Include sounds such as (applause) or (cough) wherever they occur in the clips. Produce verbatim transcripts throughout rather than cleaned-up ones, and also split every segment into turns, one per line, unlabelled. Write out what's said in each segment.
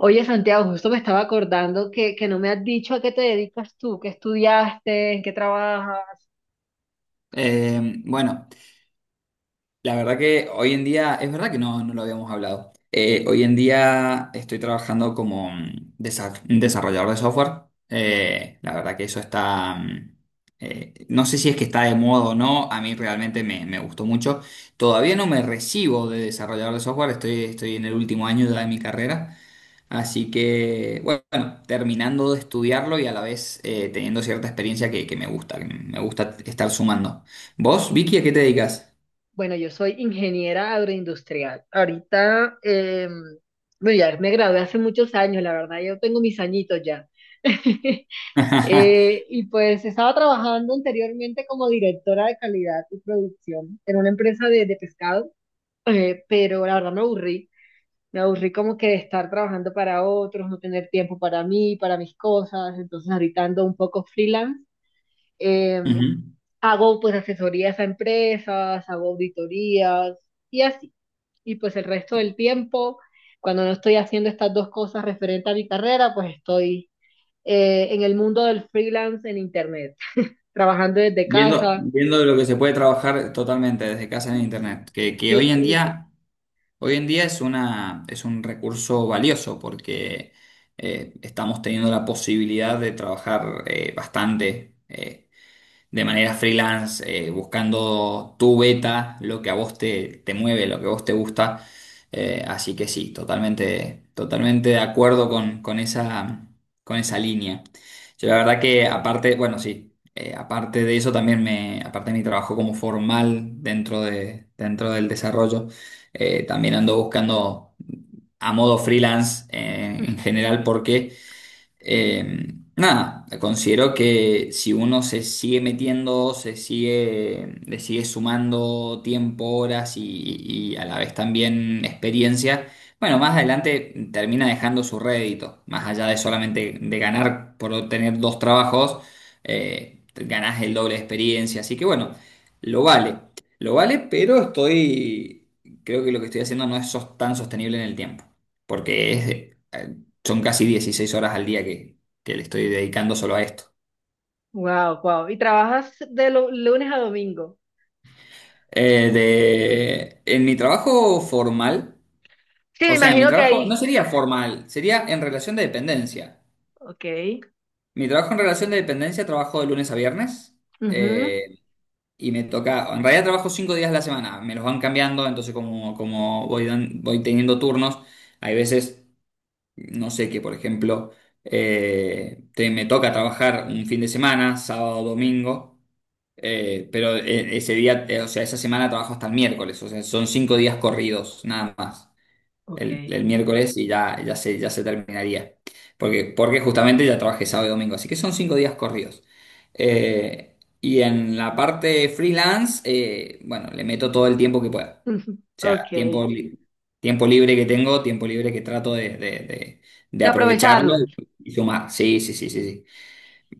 Oye, Santiago, justo me estaba acordando que, que no me has dicho a qué te dedicas tú, qué estudiaste, en qué trabajas.
Eh, bueno, la verdad que hoy en día, es verdad que no, no lo habíamos hablado. Eh, hoy en día estoy trabajando como mm, desa- desarrollador de software. Eh, la verdad que eso está, mm, eh, no sé si es que está de moda o no, a mí realmente me, me gustó mucho. Todavía no me recibo de desarrollador de software, estoy, estoy en el último año ya de mi carrera. Así que, bueno, bueno, terminando de estudiarlo y a la vez eh, teniendo cierta experiencia que, que me gusta, que me gusta estar sumando. ¿Vos, Vicky, a qué te dedicas?
Bueno, yo soy ingeniera agroindustrial. Ahorita, eh, bueno, ya me gradué hace muchos años, la verdad, yo tengo mis añitos ya. (laughs)
(laughs)
Eh, y pues estaba trabajando anteriormente como directora de calidad y producción en una empresa de, de pescado, eh, pero la verdad me aburrí. Me aburrí como que de estar trabajando para otros, no tener tiempo para mí, para mis cosas. Entonces ahorita ando un poco freelance. Eh,
Ujú.
Hago pues asesorías a empresas, hago auditorías y así. Y pues el resto del tiempo, cuando no estoy haciendo estas dos cosas referente a mi carrera, pues estoy eh, en el mundo del freelance en internet, trabajando desde
Viendo,
casa.
viendo lo que se puede trabajar totalmente desde casa en internet, que, que
Sí,
hoy en
sí.
día, hoy en día es una, es un recurso valioso porque eh, estamos teniendo la posibilidad de trabajar eh, bastante, eh, de manera freelance, eh, buscando tu beta, lo que a vos te, te mueve, lo que a vos te gusta. Eh, así que sí, totalmente, totalmente de acuerdo con, con esa, con esa línea. Yo la verdad que aparte, bueno, sí, eh, aparte de eso también me, aparte de mi trabajo como formal dentro de, dentro del desarrollo, eh, también ando buscando a modo freelance eh, en general porque eh, nada, considero que si uno se sigue metiendo, se sigue, le sigue sumando tiempo, horas y, y a la vez también experiencia, bueno, más adelante termina dejando su rédito, más allá de solamente de ganar por tener dos trabajos, eh, ganás el doble de experiencia, así que bueno, lo vale, lo vale, pero estoy, creo que lo que estoy haciendo no es sos- tan sostenible en el tiempo, porque es eh, son casi dieciséis horas al día que, que le estoy dedicando solo a esto.
Wow, wow. ¿Y trabajas de lu- lunes a domingo?
Eh, de, en mi trabajo formal,
Sí, me
o sea, mi
imagino que
trabajo no
ahí.
sería formal, sería en relación de dependencia.
Ok.
Mi trabajo en relación de dependencia trabajo de lunes a viernes,
Ujú,
eh, y me toca, en realidad trabajo cinco días a la semana, me los van cambiando, entonces como, como voy, dan- voy teniendo turnos, hay veces no sé, que por ejemplo eh, te- me toca trabajar un fin de semana, sábado, domingo, eh, pero eh, ese día, eh, o sea, esa semana trabajo hasta el miércoles, o sea, son cinco días corridos, nada más
ok.
el, el miércoles y ya, ya se, ya se terminaría. Porque, porque justamente ya trabajé sábado y domingo, así que son cinco días corridos. Eh, y en la parte freelance, eh, bueno, le meto todo el tiempo que pueda.
Ujú.
O sea,
Ok.
tiempo,
De
li- tiempo libre que tengo, tiempo libre que trato de, de- de- de aprovecharlo
aprovecharlas.
y sumar. Sí, sí, sí, sí, sí.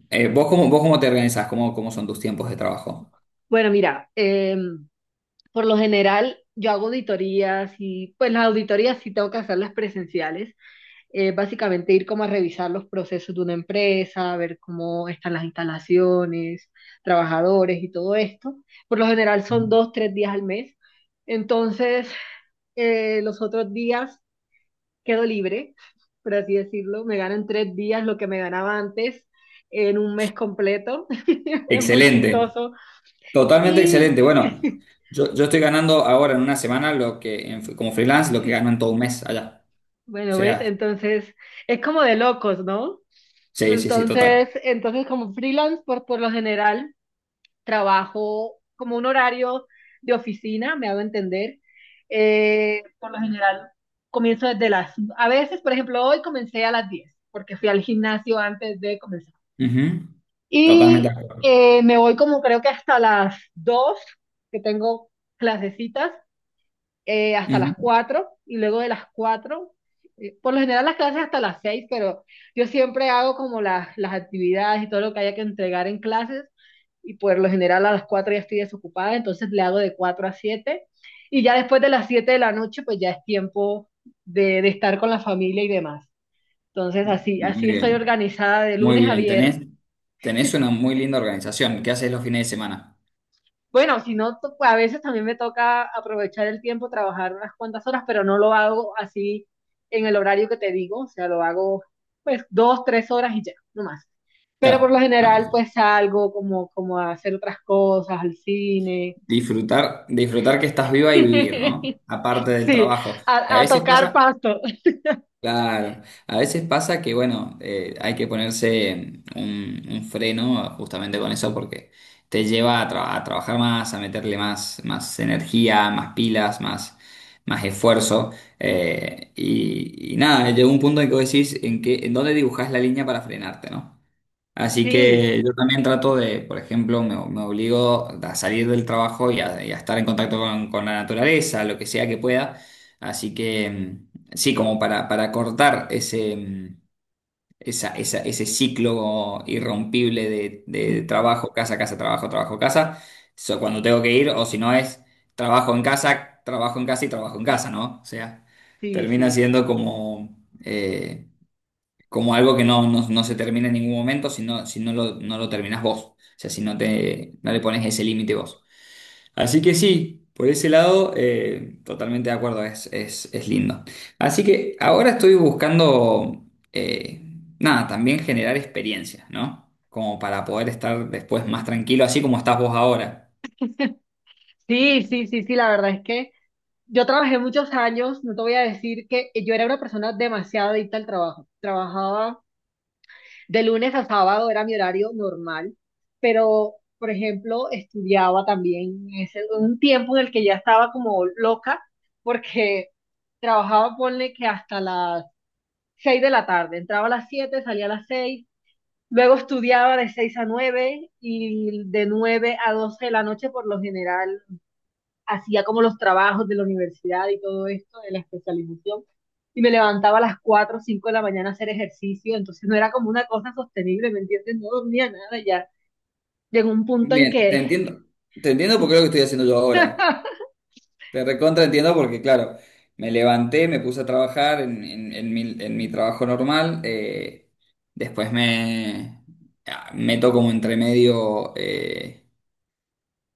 Eh, ¿vos cómo, vos cómo te organizás? ¿Cómo, cómo son tus tiempos de trabajo?
Bueno, mira, em, por lo general yo hago auditorías y pues las auditorías sí tengo que hacerlas presenciales. Eh, básicamente ir como a revisar los procesos de una empresa, ver cómo están las instalaciones, trabajadores y todo esto. Por lo general son dos, tres días al mes. Entonces, eh, los otros días quedo libre, por así decirlo. Me gano en tres días lo que me ganaba antes en un mes completo. (laughs) Es muy
Excelente.
chistoso.
Totalmente
Y
excelente. Bueno, yo, yo estoy ganando ahora en una semana lo que en- como freelance lo que gano en todo un mes allá. O
bueno, ¿ves?
sea,
Entonces, es como de locos, ¿no?
sí, sí, sí,
Entonces,
total.
entonces como freelance, por, por lo general, trabajo como un horario de oficina, me hago entender. Eh, por lo general, comienzo desde las... a veces, por ejemplo, hoy comencé a las diez porque fui al gimnasio antes de, comen-
Ujú. Totalmente
y
de acuerdo.
eh, me voy como creo que hasta las dos que tengo clasecitas, eh, hasta
Ujú.
las cuatro y luego de las cuatro eh, por lo general las clases hasta las seis, pero yo siempre hago como las, las actividades y todo lo que haya que entregar en clases, y por lo general a las cuatro ya estoy desocupada, entonces le hago de cuatro a siete, y ya después de las siete de la noche pues ya es tiempo de, de estar con la familia y demás. Entonces así,
Muy
así estoy
bien,
organizada de
muy
lunes a
bien.
viernes.
Tenés, tenés una muy linda organización. ¿Qué haces los fines de semana?
Bueno, si no, to- a veces también me toca aprovechar el tiempo, trabajar unas cuantas horas, pero no lo hago así en el horario que te digo, o sea, lo hago pues dos, tres horas y ya, no más. Pero por lo
Ya. Ah,
general
perfecto.
pues salgo como, como a hacer otras cosas, al cine,
Disfrutar, disfrutar que estás
(laughs)
viva y vivir, ¿no?
sí,
Aparte del trabajo. A
a, a
veces
tocar
pasa,
pasto,
claro, a veces pasa que, bueno, eh, hay que ponerse un, un freno justamente con eso porque te lleva a, tra- a trabajar más, a meterle más, más energía, más pilas, más, más esfuerzo, eh, y, y nada, llega un punto en que vos decís en que, en dónde dibujás la línea para frenarte, ¿no? Así
sí.
que yo también trato de, por ejemplo, me, me obligo a salir del trabajo y a, y a estar en contacto con, con la naturaleza, lo que sea que pueda. Así que mm, sí, como para, para cortar ese, mm, esa- esa- ese ciclo irrompible de, de trabajo, casa, casa, trabajo, trabajo, casa, so- cuando tengo que ir, o si no es trabajo en casa, trabajo en casa y trabajo en casa, ¿no? O sea,
Sí,
termina
sí.
siendo como eh, como algo que no, no, no se termina en ningún momento si no, si no lo, no lo terminás vos. O sea, si no te, no le pones ese límite vos. Así que sí, por ese lado, eh, totalmente de acuerdo, es, es, es lindo. Así que ahora estoy buscando, eh, nada, también generar experiencias, ¿no? Como para poder estar después más tranquilo, así como estás vos ahora.
Sí, sí, sí, sí, la verdad es que yo trabajé muchos años, no te voy a decir que yo era una persona demasiado adicta al trabajo. Trabajaba De lunes a sábado era mi horario normal, pero, por ejemplo, estudiaba también. Es un tiempo en el que ya estaba como loca porque trabajaba, ponle que hasta las seis de la tarde. Entraba a las siete, salía a las seis. Luego estudiaba de seis a nueve y de nueve a doce de la noche. Por lo general hacía como los trabajos de la universidad y todo esto, de la especialización, y me levantaba a las cuatro o cinco de la mañana a hacer ejercicio, entonces no era como una cosa sostenible, ¿me entiendes? No dormía nada, ya llegó un punto en
Bien, te
que
entiendo. Te entiendo porque es lo que estoy haciendo yo ahora.
(laughs)
Te recontra entiendo porque, claro, me levanté, me puse a trabajar en, en- en mi, en mi trabajo normal, eh, después me ah, meto como entre medio, eh,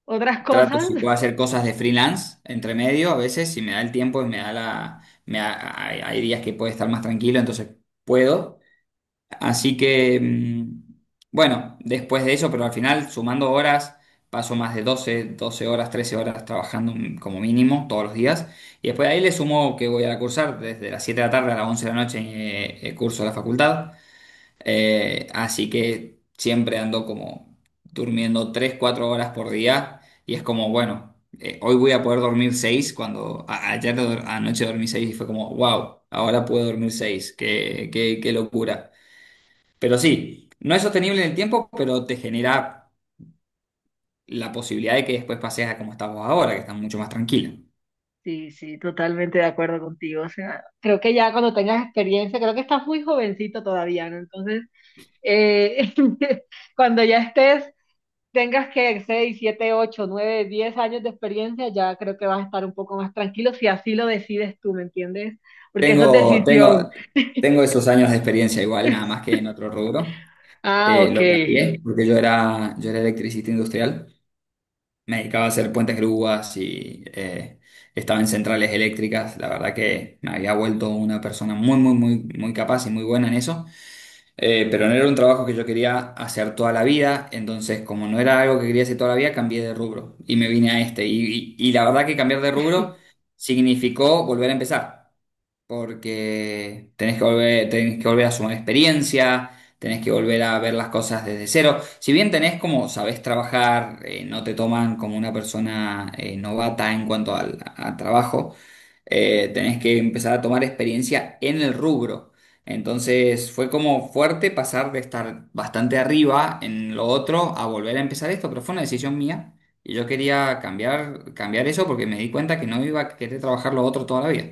otras
trato
cosas...
si puedo hacer cosas de freelance, entre medio, a veces, si me da el tiempo y me da la, me da- hay, hay días que puedo estar más tranquilo, entonces puedo. Así que, mm, bueno, después de eso, pero al final, sumando horas, paso más de doce doce horas, trece horas trabajando mm, como mínimo todos los días. Y después de ahí le sumo que voy a cursar desde las siete de la tarde a las once de la noche eh, eh, curso de la facultad. Eh, así que siempre ando como durmiendo tres cuatro horas por día. Y es como, bueno, eh, hoy voy a poder dormir seis cuando a- ayer do- anoche dormí seis y fue como, wow, ahora puedo dormir seis qué, qué, qué locura. Pero sí, no es sostenible en el tiempo, pero te genera la posibilidad de que después pases a como estás vos ahora, que estás mucho más tranquilo.
Sí, sí, totalmente de acuerdo contigo. O sea, creo que ya cuando tengas experiencia, creo que estás muy jovencito todavía, ¿no? Entonces, eh, (laughs) cuando ya estés tengas que seis siete ocho nueve diez años de experiencia, ya creo que vas a estar un poco más tranquilo si así lo decides tú, ¿me entiendes? Porque eso es
Tengo,
decisión.
tengo, Tengo esos años de experiencia igual, nada más
(laughs)
que en otro rubro.
Ah,
Eh,
ok.
lo cambié porque yo era, yo era electricista industrial. Me dedicaba a hacer puentes grúas y eh, estaba en centrales eléctricas. La verdad que me había vuelto una persona muy, muy, muy, muy capaz y muy buena en eso. Eh, pero no era un trabajo que yo quería hacer toda la vida, entonces como no era algo que quería hacer toda la vida, cambié de rubro y me vine a este. Y, y- y la verdad que cambiar de rubro significó volver a empezar, porque tenés que volver, tenés que volver a sumar experiencia, tenés que volver a ver las cosas desde cero. Si bien tenés como sabés trabajar, eh, no te toman como una persona eh, novata en cuanto al al trabajo, eh, tenés que empezar a tomar experiencia en el rubro. Entonces fue como fuerte pasar de estar bastante arriba en lo otro a volver a empezar esto, pero fue una decisión mía y yo quería cambiar, cambiar eso porque me di cuenta que no iba a querer trabajar lo otro toda la vida.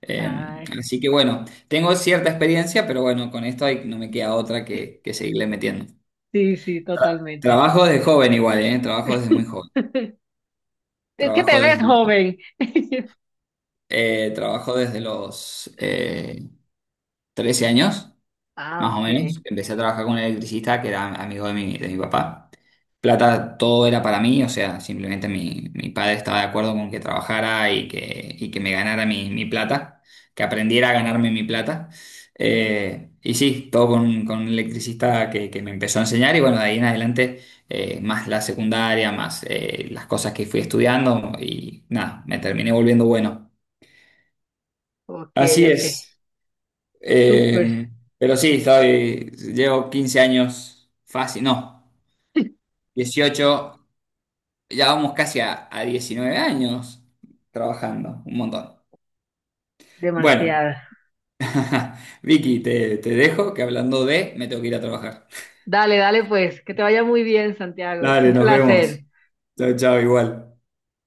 Eh,
Ay,
así que bueno, tengo cierta experiencia, pero bueno, con esto hay- no me queda otra que, que seguirle metiendo.
sí, sí, totalmente.
Trabajo desde joven igual, ¿eh? Trabajo desde muy
(laughs)
joven.
Es que
Trabajo
te
desde
ves
los,
joven. (laughs)
eh, Trabajo desde los eh, trece años,
Ah,
más o
ok,
menos. Empecé a trabajar con un electricista que era amigo de mi, de mi papá. Plata, todo era para mí, o sea, simplemente mi, mi padre estaba de acuerdo con que trabajara y que, y que me ganara mi, mi plata, que aprendiera a ganarme mi plata. Eh, y sí, todo con, con un electricista que, que me empezó a enseñar y bueno, de ahí en adelante, eh, más la secundaria, más eh, las cosas que fui estudiando y nada, me terminé volviendo bueno.
ok,
Así
ok.
es.
Súper,
Eh, pero sí, estoy, llevo quince años fácil, no, dieciocho, ya vamos casi a, a diecinueve años trabajando, un montón. Bueno,
demasiado.
(laughs) Vicky, te, te dejo que hablando de, me tengo que ir a trabajar.
Dale, dale, pues, que te vaya muy bien, Santiago. Un
Dale, nos vemos.
placer.
Chao, chao, igual.